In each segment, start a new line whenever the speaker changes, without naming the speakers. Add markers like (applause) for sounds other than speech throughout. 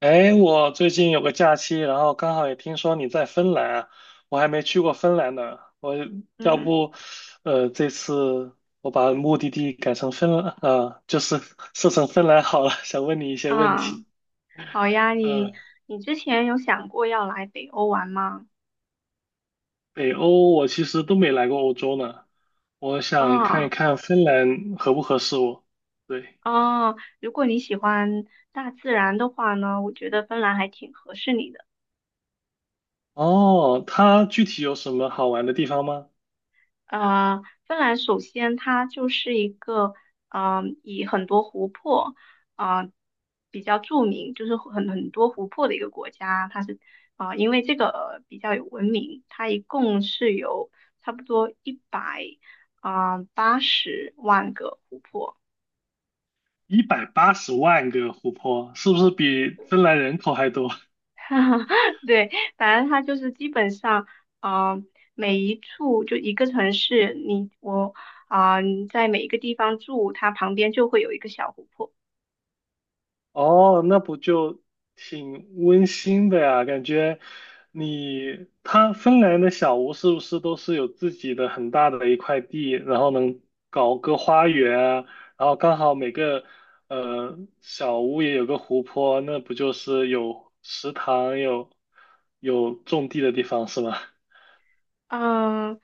哎，我最近有个假期，然后刚好也听说你在芬兰啊，我还没去过芬兰呢。我要
嗯
不，这次我把目的地改成芬兰，啊、就是 (laughs) 设成芬兰好了。想问你一些问
啊，
题。
好呀，
呃，
你之前有想过要来北欧玩吗？
北欧我其实都没来过欧洲呢，我想看一
啊
看芬兰合不合适我。对。
啊，如果你喜欢大自然的话呢，我觉得芬兰还挺合适你的。
哦，它具体有什么好玩的地方吗？
芬兰首先它就是一个，以很多湖泊，啊、比较著名，就是很多湖泊的一个国家。它是，因为这个比较有文明，它一共是有差不多一百八十万个湖泊。
1,800,000个湖泊，是不是比芬兰人口还多？
(laughs) 对，反正它就是基本上，嗯、每一处就一个城市，你我啊、你在每一个地方住，它旁边就会有一个小湖泊。
哦，那不就挺温馨的呀？感觉你，他芬兰的小屋是不是都是有自己的很大的一块地，然后能搞个花园啊，然后刚好每个小屋也有个湖泊，那不就是有食堂，有种地的地方是吗？
嗯，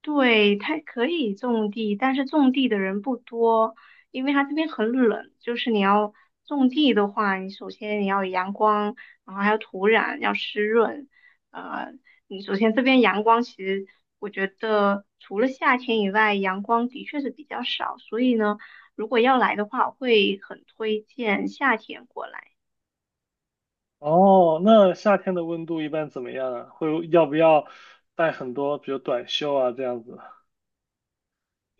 对，它可以种地，但是种地的人不多，因为它这边很冷。就是你要种地的话，你首先你要有阳光，然后还有土壤要湿润。呃，你首先这边阳光其实我觉得除了夏天以外，阳光的确是比较少，所以呢，如果要来的话，我会很推荐夏天过来。
哦，那夏天的温度一般怎么样啊？会要不要带很多，比如短袖啊这样子？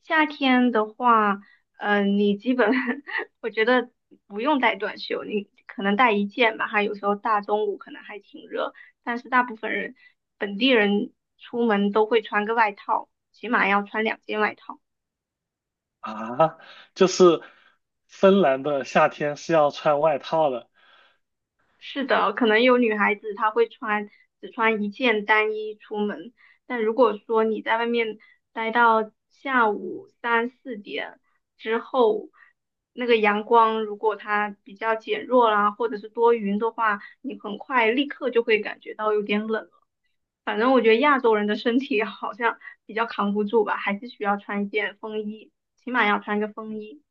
夏天的话，你基本 (laughs) 我觉得不用带短袖，你可能带一件吧，还有时候大中午可能还挺热，但是大部分人本地人出门都会穿个外套，起码要穿2件外套。
啊，就是芬兰的夏天是要穿外套的。
是的，可能有女孩子她会穿只穿一件单衣出门，但如果说你在外面待到下午三四点之后，那个阳光如果它比较减弱啦，或者是多云的话，你很快立刻就会感觉到有点冷了。反正我觉得亚洲人的身体好像比较扛不住吧，还是需要穿一件风衣，起码要穿个风衣。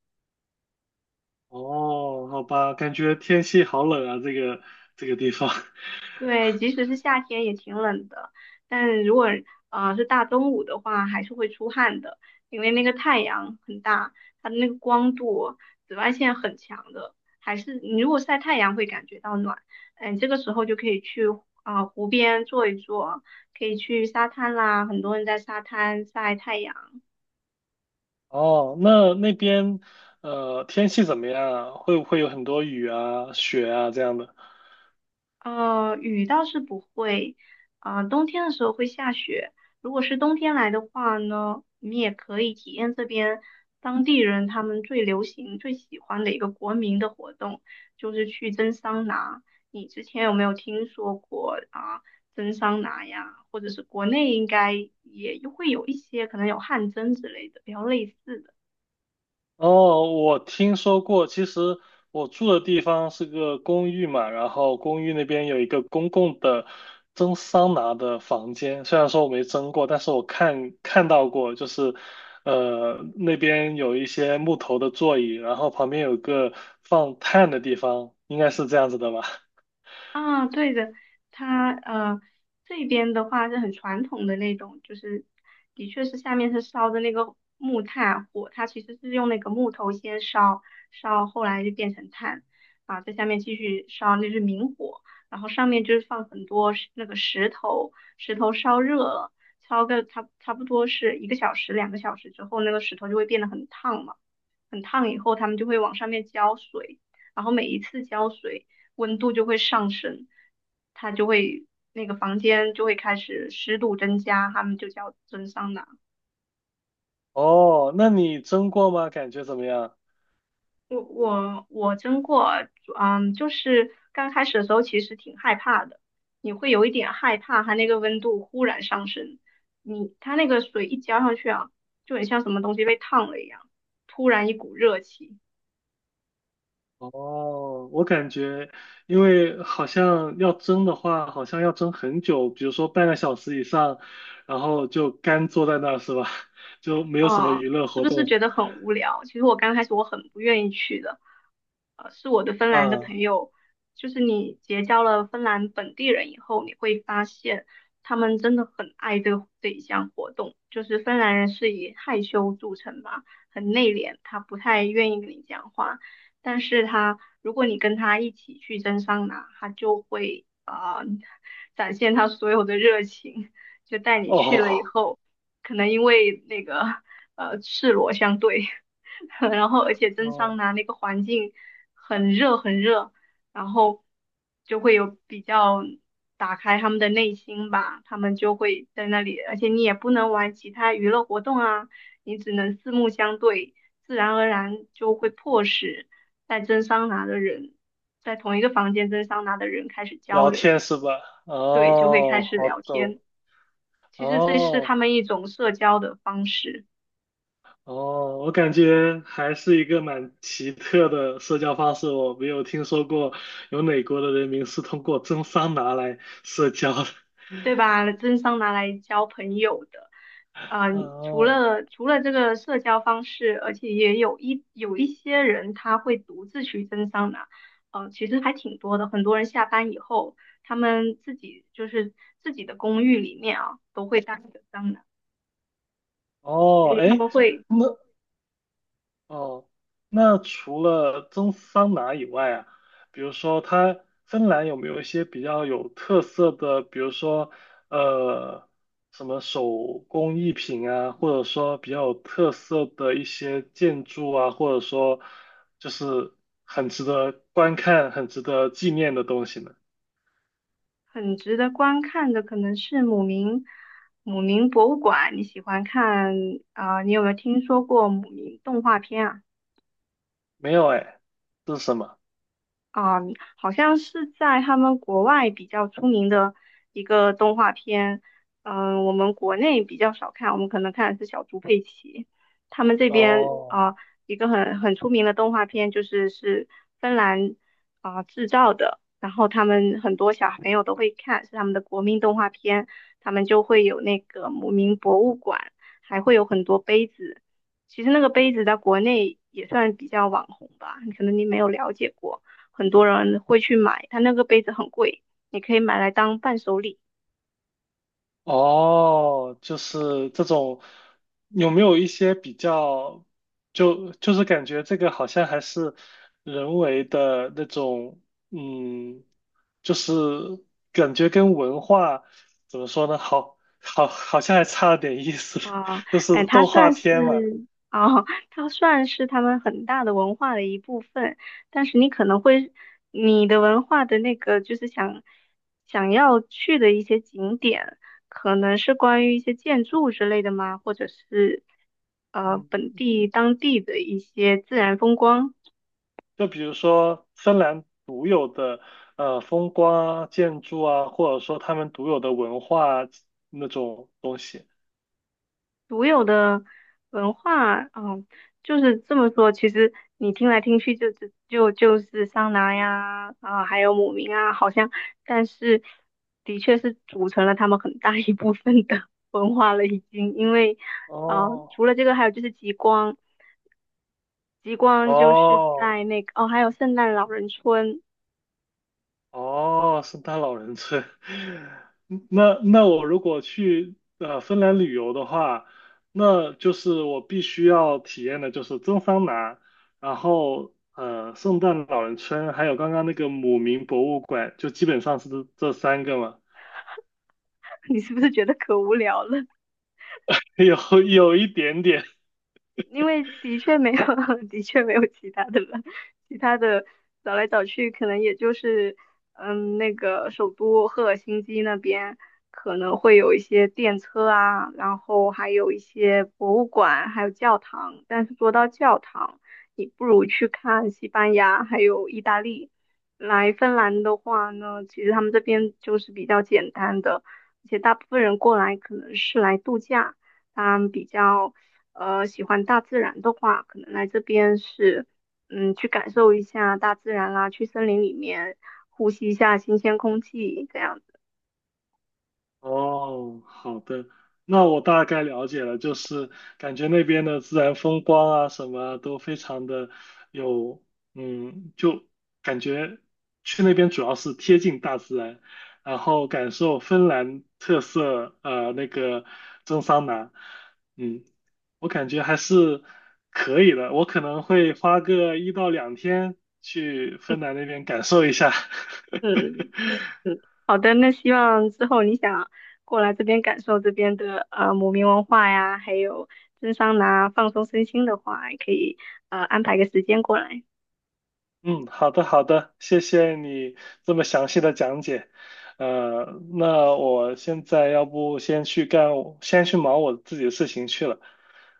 哦，好吧，感觉天气好冷啊，这个地方。(laughs)
对，即使是夏天也挺冷的，但如果是大中午的话，还是会出汗的，因为那个太阳很大，它的那个光度、紫外线很强的，还是你如果晒太阳会感觉到暖，这个时候就可以去湖边坐一坐，可以去沙滩啦，很多人在沙滩晒太阳。
哦，那边天气怎么样啊？会不会有很多雨啊、雪啊这样的？
雨倒是不会，冬天的时候会下雪。如果是冬天来的话呢，你也可以体验这边当地人他们最流行、最喜欢的一个国民的活动，就是去蒸桑拿。你之前有没有听说过蒸桑拿呀？或者是国内应该也会有一些，可能有汗蒸之类的，比较类似的。
哦，我听说过。其实我住的地方是个公寓嘛，然后公寓那边有一个公共的蒸桑拿的房间。虽然说我没蒸过，但是我看到过，就是那边有一些木头的座椅，然后旁边有个放炭的地方，应该是这样子的吧？(laughs)
啊，对的，它这边的话是很传统的那种，就是的确是下面是烧的那个木炭火，它其实是用那个木头先烧，烧后来就变成炭，啊，在下面继续烧，那是明火，然后上面就是放很多那个石头，石头烧热了，烧个差不多是1个小时、2个小时之后，那个石头就会变得很烫嘛。很烫以后，他们就会往上面浇水，然后每一次浇水，温度就会上升，它就会那个房间就会开始湿度增加，他们就叫蒸桑拿。
哦，那你蒸过吗？感觉怎么样？
我蒸过。就是刚开始的时候其实挺害怕的，你会有一点害怕它那个温度忽然上升，它那个水一浇上去啊，就很像什么东西被烫了一样，突然一股热气。
哦，我感觉，因为好像要蒸的话，好像要蒸很久，比如说半个小时以上，然后就干坐在那儿是吧？(laughs) 就没有什么
嗯，
娱乐
是
活
不是
动。
觉得很无聊？其实我刚开始我很不愿意去的，是我的芬兰的
嗯。
朋友，就是你结交了芬兰本地人以后，你会发现他们真的很爱这一项活动。就是芬兰人是以害羞著称嘛，很内敛，他不太愿意跟你讲话，但是如果你跟他一起去蒸桑拿，他就会展现他所有的热情。就带你去了以
哦。
后，可能因为那个赤裸相对，(laughs) 然后而
(laughs)
且蒸
哦，
桑拿那个环境很热很热，然后就会有比较打开他们的内心吧，他们就会在那里，而且你也不能玩其他娱乐活动啊，你只能四目相对，自然而然就会迫使在蒸桑拿的人，在同一个房间蒸桑拿的人开始交
聊
流。
天是吧？
对，就会开
哦，
始
好
聊
的。
天。其实这是
哦。
他们一种社交的方式，
哦，我感觉还是一个蛮奇特的社交方式，我没有听说过有哪国的人民是通过蒸桑拿来社交的。
对吧？真桑拿来交朋友的。
(laughs)
嗯，除
哦。
了除了这个社交方式，而且也有一些人他会独自去蒸桑拿。其实还挺多的。很多人下班以后，他们自己就是自己的公寓里面啊，都会搭一个桑拿，所
哦，
以他
哎，
们会。
那哦，那除了蒸桑拿以外啊，比如说它芬兰有没有一些比较有特色的，比如说呃什么手工艺品啊，或者说比较有特色的一些建筑啊，或者说就是很值得观看、很值得纪念的东西呢？
很值得观看的可能是姆明博物馆。你喜欢看啊、呃你有没有听说过姆明动画片啊？
没有哎，这是什么？
啊，好像是在他们国外比较出名的一个动画片，我们国内比较少看，我们可能看的是小猪佩奇。他们这边啊，
哦。
一个很出名的动画片就是芬兰制造的，然后他们很多小朋友都会看，是他们的国民动画片，他们就会有那个姆明博物馆，还会有很多杯子。其实那个杯子在国内也算比较网红吧，可能你没有了解过。很多人会去买，它那个杯子很贵，你可以买来当伴手礼
哦，就是这种，有没有一些比较，就是感觉这个好像还是人为的那种，嗯，就是感觉跟文化怎么说呢，好像还差了点意思，
啊。
(laughs) 就是
哎，
动画片嘛。
它算是他们很大的文化的一部分，但是你可能会，你的文化的那个就是想要去的一些景点，可能是关于一些建筑之类的吗？或者是
嗯，
当地的一些自然风光。
就比如说芬兰独有的风光啊建筑啊，或者说他们独有的文化那种东西。
独有的文化，就是这么说。其实你听来听去就是桑拿呀，啊，还有姆明啊，好像，但是的确是组成了他们很大一部分的 (laughs) 文化了，已经。因为，
哦。
除了这个，还有就是极光，极光就是
哦
在那个，哦，还有圣诞老人村。
哦，圣诞老人村。(laughs) 那我如果去芬兰旅游的话，那就是我必须要体验的就是蒸桑拿，然后圣诞老人村，还有刚刚那个姆明博物馆，就基本上是这三个嘛。
(laughs) 你是不是觉得可无聊了？
(laughs) 有有一点点。
因为的确没有，(laughs) 的确没有其他的了，其他的找来找去，可能也就是，那个首都赫尔辛基那边可能会有一些电车啊，然后还有一些博物馆，还有教堂。但是说到教堂，你不如去看西班牙，还有意大利。来芬兰的话呢，其实他们这边就是比较简单的，而且大部分人过来可能是来度假。他们比较喜欢大自然的话，可能来这边是去感受一下大自然啦，去森林里面呼吸一下新鲜空气这样子。
哦，好的，那我大概了解了，就是感觉那边的自然风光啊，什么啊都非常的有，嗯，就感觉去那边主要是贴近大自然，然后感受芬兰特色，那个蒸桑拿，嗯，我感觉还是可以的，我可能会花个一到两天去芬兰那边感受一下。(laughs)
嗯嗯，好的，那希望之后你想过来这边感受这边的姆明文化呀，还有蒸桑拿放松身心的话，也可以安排个时间过来。
嗯，好的，好的，谢谢你这么详细的讲解。呃，那我现在要不先去忙我自己的事情去了，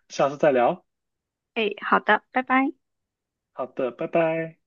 下次再聊。
哎，好的，拜拜。
好的，拜拜。